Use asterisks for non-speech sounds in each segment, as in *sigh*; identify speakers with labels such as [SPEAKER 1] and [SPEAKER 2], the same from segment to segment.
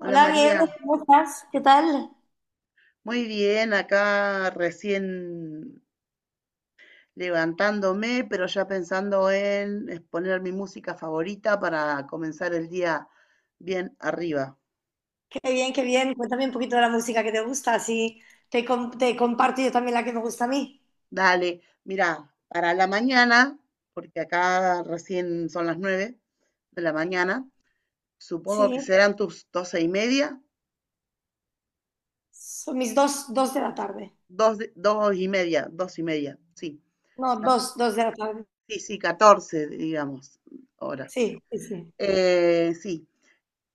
[SPEAKER 1] Hola María,
[SPEAKER 2] Nieves, ¿cómo estás? ¿Qué tal?
[SPEAKER 1] muy bien, acá recién levantándome, pero ya pensando en poner mi música favorita para comenzar el día bien arriba.
[SPEAKER 2] Qué bien, qué bien. Cuéntame un poquito de la música que te gusta, así te comparto yo también la que me gusta a mí.
[SPEAKER 1] Dale, mira, para la mañana, porque acá recién son las 9 de la mañana, supongo que
[SPEAKER 2] Sí,
[SPEAKER 1] serán tus 12 y media,
[SPEAKER 2] son mis dos de la tarde.
[SPEAKER 1] dos, dos y media, sí,
[SPEAKER 2] No,
[SPEAKER 1] ca-
[SPEAKER 2] dos de la tarde.
[SPEAKER 1] sí, sí, 14, digamos, horas.
[SPEAKER 2] Sí, sí, sí.
[SPEAKER 1] Sí.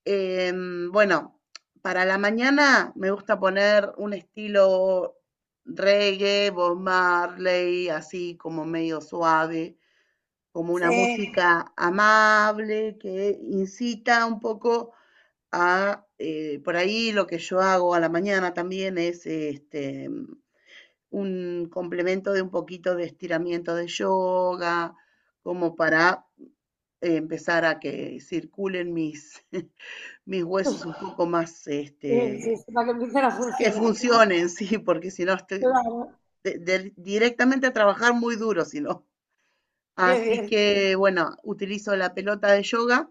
[SPEAKER 1] Bueno, para la mañana me gusta poner un estilo reggae, Bob Marley, así como medio suave, como una
[SPEAKER 2] Sí,
[SPEAKER 1] música amable que incita un poco a, por ahí lo que yo hago a la mañana también es un complemento de un poquito de estiramiento de yoga, como para empezar a que circulen mis huesos un poco más, este,
[SPEAKER 2] sí, sí, sí, para que empiecen a
[SPEAKER 1] que
[SPEAKER 2] funcionar, ¿no?
[SPEAKER 1] funcionen, sí, porque si no estoy
[SPEAKER 2] Claro,
[SPEAKER 1] directamente a trabajar muy duro, si no.
[SPEAKER 2] qué
[SPEAKER 1] Así
[SPEAKER 2] bien,
[SPEAKER 1] que, bueno, utilizo la pelota de yoga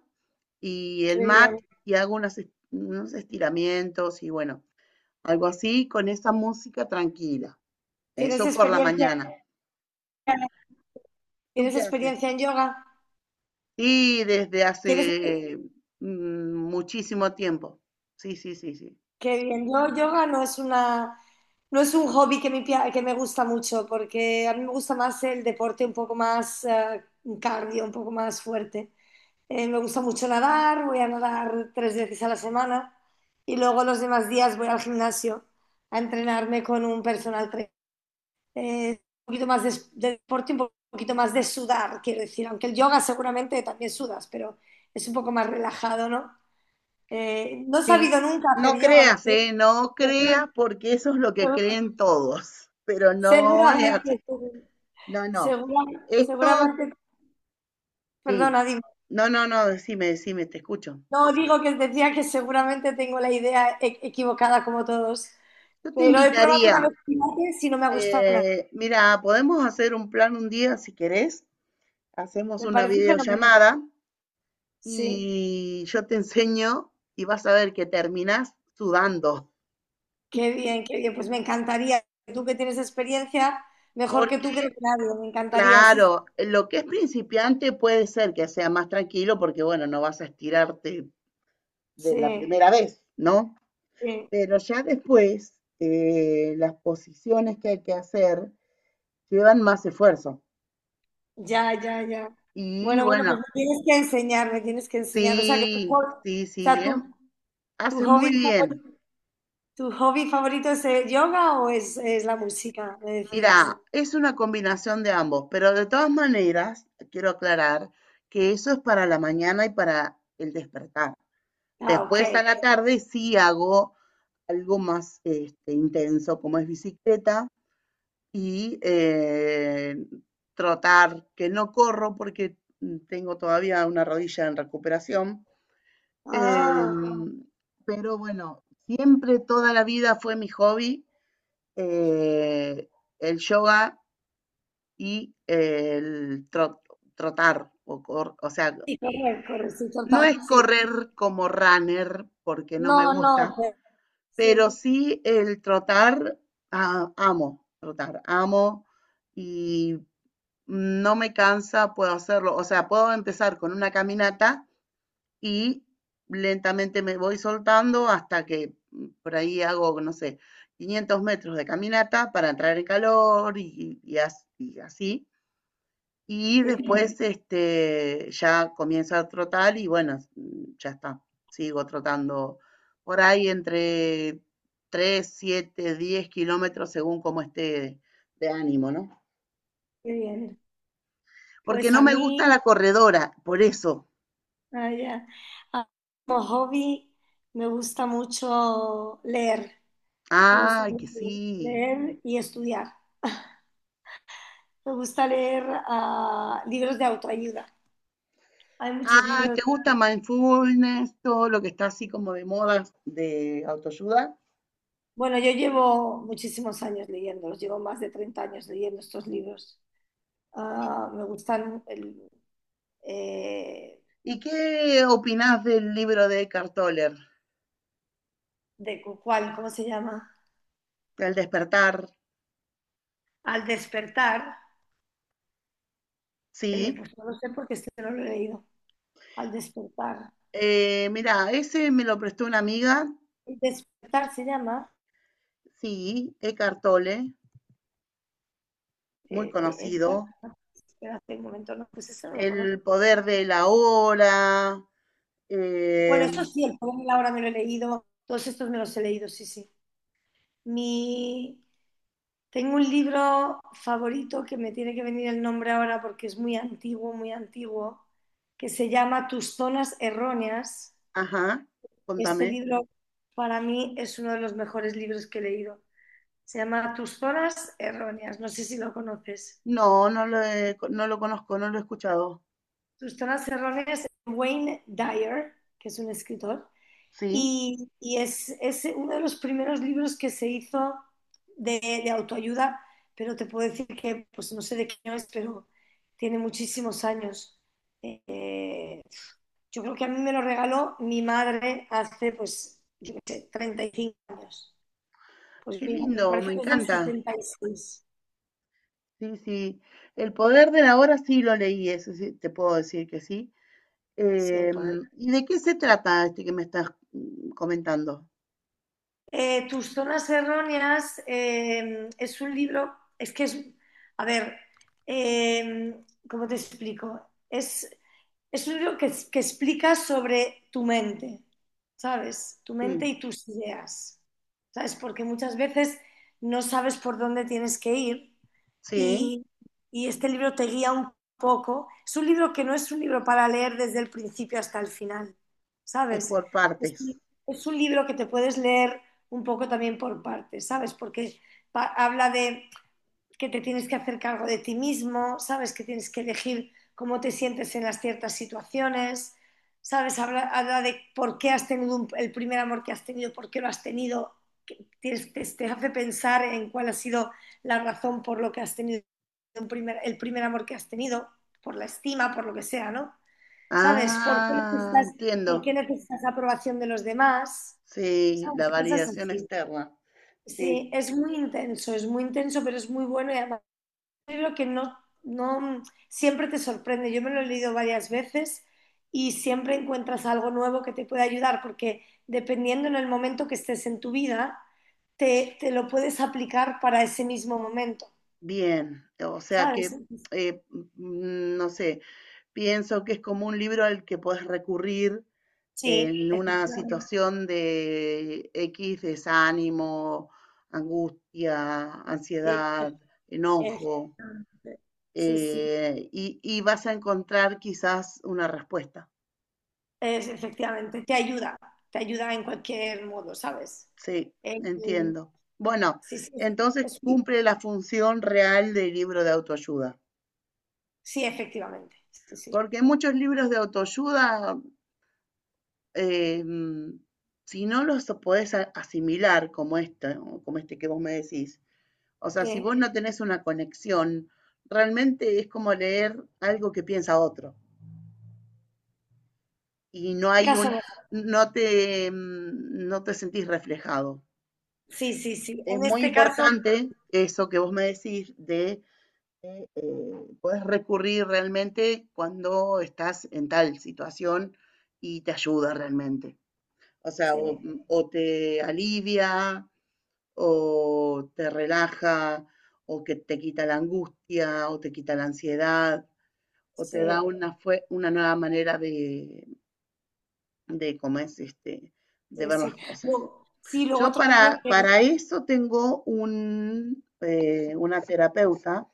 [SPEAKER 1] y
[SPEAKER 2] qué
[SPEAKER 1] el mat
[SPEAKER 2] bien.
[SPEAKER 1] y hago unos estiramientos y bueno, algo así con esa música tranquila.
[SPEAKER 2] ¿Tienes
[SPEAKER 1] Eso por la
[SPEAKER 2] experiencia,
[SPEAKER 1] mañana. ¿Tú
[SPEAKER 2] ¿Tienes
[SPEAKER 1] qué haces?
[SPEAKER 2] experiencia en yoga?
[SPEAKER 1] Y desde
[SPEAKER 2] ¿Tienes?
[SPEAKER 1] hace muchísimo tiempo. Sí, sí, sí, sí.
[SPEAKER 2] Qué bien. Yo, yoga no es una, no es un hobby que que me gusta mucho, porque a mí me gusta más el deporte un poco más cardio, un poco más fuerte. Me gusta mucho nadar, voy a nadar tres veces a la semana y luego los demás días voy al gimnasio a entrenarme con un personal trainer. Un poquito más de deporte, un poquito más de sudar, quiero decir, aunque el yoga seguramente también sudas, pero es un poco más relajado, ¿no? No he
[SPEAKER 1] Sí,
[SPEAKER 2] sabido nunca hacer
[SPEAKER 1] no
[SPEAKER 2] yoga,
[SPEAKER 1] creas, ¿eh? No
[SPEAKER 2] ¿verdad?
[SPEAKER 1] creas porque eso es lo que creen todos, pero no es
[SPEAKER 2] Seguramente,
[SPEAKER 1] así. No, no.
[SPEAKER 2] segura-
[SPEAKER 1] Esto,
[SPEAKER 2] seguramente,
[SPEAKER 1] sí.
[SPEAKER 2] perdona, dime.
[SPEAKER 1] No, no, no, decime, decime, te escucho.
[SPEAKER 2] No digo que decía que seguramente tengo la idea equivocada como todos,
[SPEAKER 1] Yo te
[SPEAKER 2] pero he probado una
[SPEAKER 1] invitaría,
[SPEAKER 2] vez pilates y no me ha gustado nada.
[SPEAKER 1] mira, podemos hacer un plan un día si querés, hacemos
[SPEAKER 2] Me
[SPEAKER 1] una
[SPEAKER 2] parece fenomenal.
[SPEAKER 1] videollamada
[SPEAKER 2] Sí,
[SPEAKER 1] y yo te enseño y vas a ver que terminás sudando,
[SPEAKER 2] qué bien, qué bien. Pues me encantaría. Tú que tienes experiencia, mejor que tú
[SPEAKER 1] porque
[SPEAKER 2] creo que nadie. Me encantaría, sí,
[SPEAKER 1] claro, lo que es principiante puede ser que sea más tranquilo porque, bueno, no vas a estirarte de la
[SPEAKER 2] sí,
[SPEAKER 1] primera vez, ¿no?
[SPEAKER 2] sí.
[SPEAKER 1] Pero ya después, las posiciones que hay que hacer llevan más esfuerzo.
[SPEAKER 2] Ya, ya, ya.
[SPEAKER 1] Y
[SPEAKER 2] Bueno, bueno,
[SPEAKER 1] bueno,
[SPEAKER 2] pues me tienes que enseñar, me tienes que enseñar. O sea,
[SPEAKER 1] sí,
[SPEAKER 2] o
[SPEAKER 1] sí, sí,
[SPEAKER 2] sea,
[SPEAKER 1] ¿eh?
[SPEAKER 2] tu
[SPEAKER 1] Hace muy
[SPEAKER 2] hobby
[SPEAKER 1] bien.
[SPEAKER 2] favorito. ¿Tu hobby favorito es el yoga es la música? Me decías.
[SPEAKER 1] Mira, es una combinación de ambos, pero de todas maneras, quiero aclarar que eso es para la mañana y para el despertar.
[SPEAKER 2] Ah, ok.
[SPEAKER 1] Después a la tarde sí hago algo más este, intenso, como es bicicleta y trotar, que no corro porque tengo todavía una rodilla en recuperación. Eh,
[SPEAKER 2] Ah,
[SPEAKER 1] pero bueno, siempre toda la vida fue mi hobby eh, el yoga y trotar, o, o sea,
[SPEAKER 2] y correr, correr, sí,
[SPEAKER 1] no
[SPEAKER 2] total,
[SPEAKER 1] es
[SPEAKER 2] sí.
[SPEAKER 1] correr como runner porque no me
[SPEAKER 2] No, no,
[SPEAKER 1] gusta.
[SPEAKER 2] pero
[SPEAKER 1] Pero
[SPEAKER 2] sí,
[SPEAKER 1] sí el trotar, ah, amo trotar, amo y no me cansa, puedo hacerlo. O sea, puedo empezar con una caminata y lentamente me voy soltando hasta que por ahí hago, no sé, 500 metros de caminata para entrar en calor y así. Y
[SPEAKER 2] sí,
[SPEAKER 1] después, este, ya comienzo a trotar y bueno, ya está. Sigo trotando por ahí entre 3, 7, 10 kilómetros según cómo esté de ánimo, ¿no?
[SPEAKER 2] qué bien.
[SPEAKER 1] Porque
[SPEAKER 2] Pues
[SPEAKER 1] no
[SPEAKER 2] a
[SPEAKER 1] me gusta
[SPEAKER 2] mí,
[SPEAKER 1] la corredora, por eso.
[SPEAKER 2] ah, ya. Ah, como hobby, me gusta mucho leer. Me gusta
[SPEAKER 1] Ay, que
[SPEAKER 2] mucho
[SPEAKER 1] sí.
[SPEAKER 2] leer y estudiar. Me gusta leer libros de autoayuda. Hay muchos
[SPEAKER 1] Ay,
[SPEAKER 2] libros.
[SPEAKER 1] ¿te gusta mindfulness? Todo lo que está así como de moda de autoayuda.
[SPEAKER 2] Bueno, yo llevo muchísimos años leyéndolos, llevo más de 30 años leyendo estos libros.
[SPEAKER 1] ¿Y,
[SPEAKER 2] Ah, me gustan eh,
[SPEAKER 1] y qué opinás del libro de Eckhart Tolle?
[SPEAKER 2] de cuál, ¿cómo se llama?
[SPEAKER 1] El despertar,
[SPEAKER 2] Al despertar,
[SPEAKER 1] sí.
[SPEAKER 2] pues no lo sé porque este no lo he leído. Al despertar.
[SPEAKER 1] Mira, ese me lo prestó una amiga,
[SPEAKER 2] El despertar se llama
[SPEAKER 1] sí, Eckhart Tolle, muy
[SPEAKER 2] de Edgar.
[SPEAKER 1] conocido.
[SPEAKER 2] Espérate un momento, no, pues este no lo conozco.
[SPEAKER 1] El poder de la hora,
[SPEAKER 2] Bueno,
[SPEAKER 1] eh,
[SPEAKER 2] eso sí, el poder de la hora me lo he leído, todos estos me los he leído, sí, sí. Mi... Tengo un libro favorito que me tiene que venir el nombre ahora porque es muy antiguo, que se llama Tus zonas erróneas.
[SPEAKER 1] ajá,
[SPEAKER 2] Este
[SPEAKER 1] contame.
[SPEAKER 2] libro para mí es uno de los mejores libros que he leído. Se llama Tus zonas erróneas. No sé si lo conoces.
[SPEAKER 1] No lo conozco, no lo he escuchado.
[SPEAKER 2] Tus zonas erróneas, Wayne Dyer, que es un escritor.
[SPEAKER 1] Sí,
[SPEAKER 2] Y es uno de los primeros libros que se hizo de autoayuda, pero te puedo decir que, pues no sé de qué año es, pero tiene muchísimos años. Eh, yo creo que a mí me lo regaló mi madre hace, pues, yo qué sé, 35 años. Pues
[SPEAKER 1] qué
[SPEAKER 2] mira, me
[SPEAKER 1] lindo,
[SPEAKER 2] parece
[SPEAKER 1] me
[SPEAKER 2] que es del
[SPEAKER 1] encanta.
[SPEAKER 2] 76
[SPEAKER 1] Sí, sí. El poder de la hora sí lo leí, eso sí, te puedo decir que sí.
[SPEAKER 2] si hay poder.
[SPEAKER 1] ¿Y de qué se trata este que me estás comentando?
[SPEAKER 2] Tus zonas erróneas es un libro, es que es, a ver, eh, ¿cómo te explico? Es es un libro que explica sobre tu mente, ¿sabes? Tu mente
[SPEAKER 1] Sí,
[SPEAKER 2] y tus ideas, ¿sabes? Porque muchas veces no sabes por dónde tienes que ir
[SPEAKER 1] sí,
[SPEAKER 2] y, y este libro te guía un poco. Es un libro que no es un libro para leer desde el principio hasta el final,
[SPEAKER 1] es
[SPEAKER 2] ¿sabes?
[SPEAKER 1] por
[SPEAKER 2] Es
[SPEAKER 1] partes.
[SPEAKER 2] un, es un libro que te puedes leer un poco también por partes, ¿sabes? Porque habla de que te tienes que hacer cargo de ti mismo, sabes que tienes que elegir cómo te sientes en las ciertas situaciones, sabes, habla de por qué has tenido un, el primer amor que has tenido, por qué lo has tenido, que tienes, hace pensar en cuál ha sido la razón por lo que has tenido un primer, el primer amor que has tenido, por la estima, por lo que sea, ¿no? ¿Sabes?
[SPEAKER 1] Ah,
[SPEAKER 2] ¿Por
[SPEAKER 1] entiendo.
[SPEAKER 2] qué necesitas aprobación de los demás?
[SPEAKER 1] Sí,
[SPEAKER 2] ¿Sabes?
[SPEAKER 1] la
[SPEAKER 2] Cosas
[SPEAKER 1] validación
[SPEAKER 2] así.
[SPEAKER 1] externa. Sí,
[SPEAKER 2] Sí, es muy intenso, pero es muy bueno y además libro que no siempre te sorprende. Yo me lo he leído varias veces y siempre encuentras algo nuevo que te puede ayudar, porque dependiendo en el momento que estés en tu vida, te lo puedes aplicar para ese mismo momento,
[SPEAKER 1] bien. O sea que,
[SPEAKER 2] ¿sabes?
[SPEAKER 1] eh, no sé, pienso que es como un libro al que puedes recurrir
[SPEAKER 2] Sí,
[SPEAKER 1] en una
[SPEAKER 2] efectivamente.
[SPEAKER 1] situación de X desánimo, angustia,
[SPEAKER 2] Sí,
[SPEAKER 1] ansiedad, enojo,
[SPEAKER 2] efectivamente. Sí, sí,
[SPEAKER 1] y vas a encontrar quizás una respuesta.
[SPEAKER 2] es, efectivamente. Te ayuda en cualquier modo, ¿sabes?
[SPEAKER 1] Sí,
[SPEAKER 2] El-
[SPEAKER 1] entiendo. Bueno,
[SPEAKER 2] sí, sí, sí,
[SPEAKER 1] entonces
[SPEAKER 2] es-
[SPEAKER 1] cumple la función real del libro de autoayuda,
[SPEAKER 2] sí, efectivamente. Sí, sí.
[SPEAKER 1] porque muchos libros de autoayuda, eh, mm, si no los podés asimilar como este, ¿no? Como este que vos me decís, o sea, si
[SPEAKER 2] Eh,
[SPEAKER 1] vos no tenés una conexión, realmente es como leer algo que piensa otro y no hay
[SPEAKER 2] caso
[SPEAKER 1] un, no te, no te sentís reflejado.
[SPEAKER 2] sí, sí, sí.
[SPEAKER 1] Es
[SPEAKER 2] En
[SPEAKER 1] muy
[SPEAKER 2] este caso,
[SPEAKER 1] importante eso que vos me decís de eh, eh, puedes recurrir realmente cuando estás en tal situación y te ayuda realmente. O sea,
[SPEAKER 2] sí,
[SPEAKER 1] o te alivia, o te relaja, o que te quita la angustia, o te quita la ansiedad, o te da
[SPEAKER 2] sí,
[SPEAKER 1] una, fue, una nueva manera de cómo es este, de
[SPEAKER 2] sí,
[SPEAKER 1] ver
[SPEAKER 2] sí.
[SPEAKER 1] las cosas.
[SPEAKER 2] Luego, sí, luego otro libro que...
[SPEAKER 1] Para eso tengo un, una terapeuta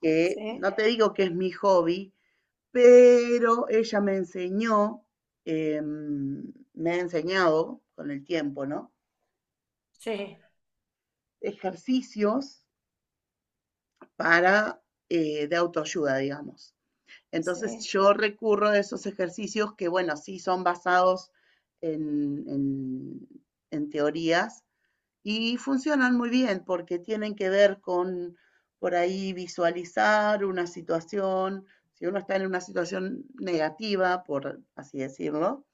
[SPEAKER 1] que
[SPEAKER 2] Sí,
[SPEAKER 1] no te digo que es mi hobby, pero ella me enseñó, me ha enseñado con el tiempo, ¿no?
[SPEAKER 2] sí,
[SPEAKER 1] Ejercicios para, de autoayuda, digamos. Entonces
[SPEAKER 2] sí,
[SPEAKER 1] yo recurro a esos ejercicios que, bueno, sí son basados en, en, en teorías y funcionan muy bien porque tienen que ver con, por ahí, visualizar una situación, si uno está en una situación negativa, por así decirlo,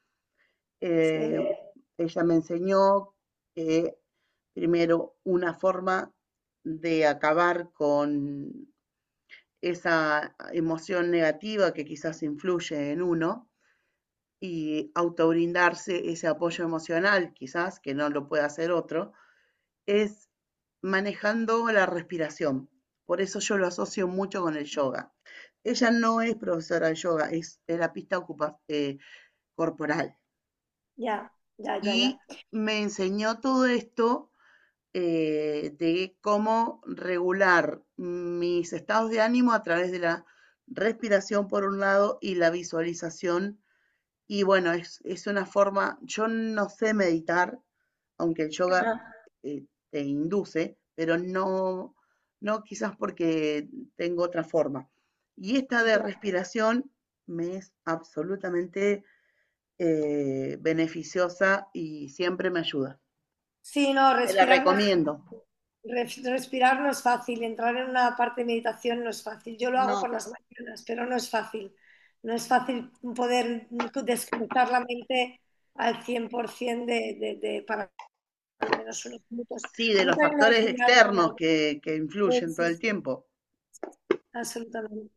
[SPEAKER 2] sí.
[SPEAKER 1] eh, ella me enseñó que primero una forma de acabar con esa emoción negativa que quizás influye en uno y autobrindarse ese apoyo emocional, quizás que no lo puede hacer otro, es manejando la respiración. Por eso yo lo asocio mucho con el yoga. Ella no es profesora de yoga, es terapista eh, corporal.
[SPEAKER 2] Ya, ya, ya,
[SPEAKER 1] Y
[SPEAKER 2] ya.
[SPEAKER 1] me enseñó todo esto de cómo regular mis estados de ánimo a través de la respiración por un lado y la visualización. Y bueno, es una forma, yo no sé meditar, aunque el yoga
[SPEAKER 2] Ajá,
[SPEAKER 1] eh, te induce, pero no, no quizás porque tengo otra forma. Y esta de
[SPEAKER 2] ya.
[SPEAKER 1] respiración me es absolutamente beneficiosa y siempre me ayuda.
[SPEAKER 2] Sí, no,
[SPEAKER 1] Te la recomiendo.
[SPEAKER 2] respirar no es fácil. Entrar en una parte de meditación no es fácil. Yo lo hago por
[SPEAKER 1] No.
[SPEAKER 2] las mañanas, pero no es fácil. No es fácil poder desconectar la mente al 100% para al menos unos minutos.
[SPEAKER 1] Sí,
[SPEAKER 2] A
[SPEAKER 1] de
[SPEAKER 2] mí
[SPEAKER 1] los
[SPEAKER 2] también
[SPEAKER 1] factores
[SPEAKER 2] me ha una...
[SPEAKER 1] externos que
[SPEAKER 2] Sí,
[SPEAKER 1] influyen todo
[SPEAKER 2] sí,
[SPEAKER 1] el
[SPEAKER 2] sí.
[SPEAKER 1] tiempo.
[SPEAKER 2] Absolutamente.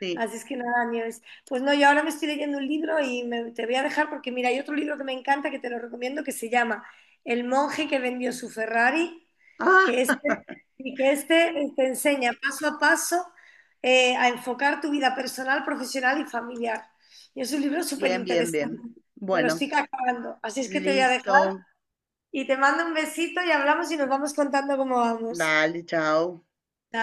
[SPEAKER 1] Sí.
[SPEAKER 2] Así es que nada, Nieves. Pues no, yo ahora me estoy leyendo un libro y te voy a dejar porque mira, hay otro libro que me encanta que te lo recomiendo que se llama El monje que vendió su Ferrari,
[SPEAKER 1] Ah,
[SPEAKER 2] que
[SPEAKER 1] *laughs*
[SPEAKER 2] este, y que este te enseña paso a paso a enfocar tu vida personal, profesional y familiar. Y es un libro súper
[SPEAKER 1] bien, bien,
[SPEAKER 2] interesante.
[SPEAKER 1] bien.
[SPEAKER 2] Me lo
[SPEAKER 1] Bueno,
[SPEAKER 2] estoy acabando. Así es que te voy a dejar
[SPEAKER 1] listo.
[SPEAKER 2] y te mando un besito y hablamos y nos vamos contando cómo vamos.
[SPEAKER 1] Dale, chao.
[SPEAKER 2] Chao.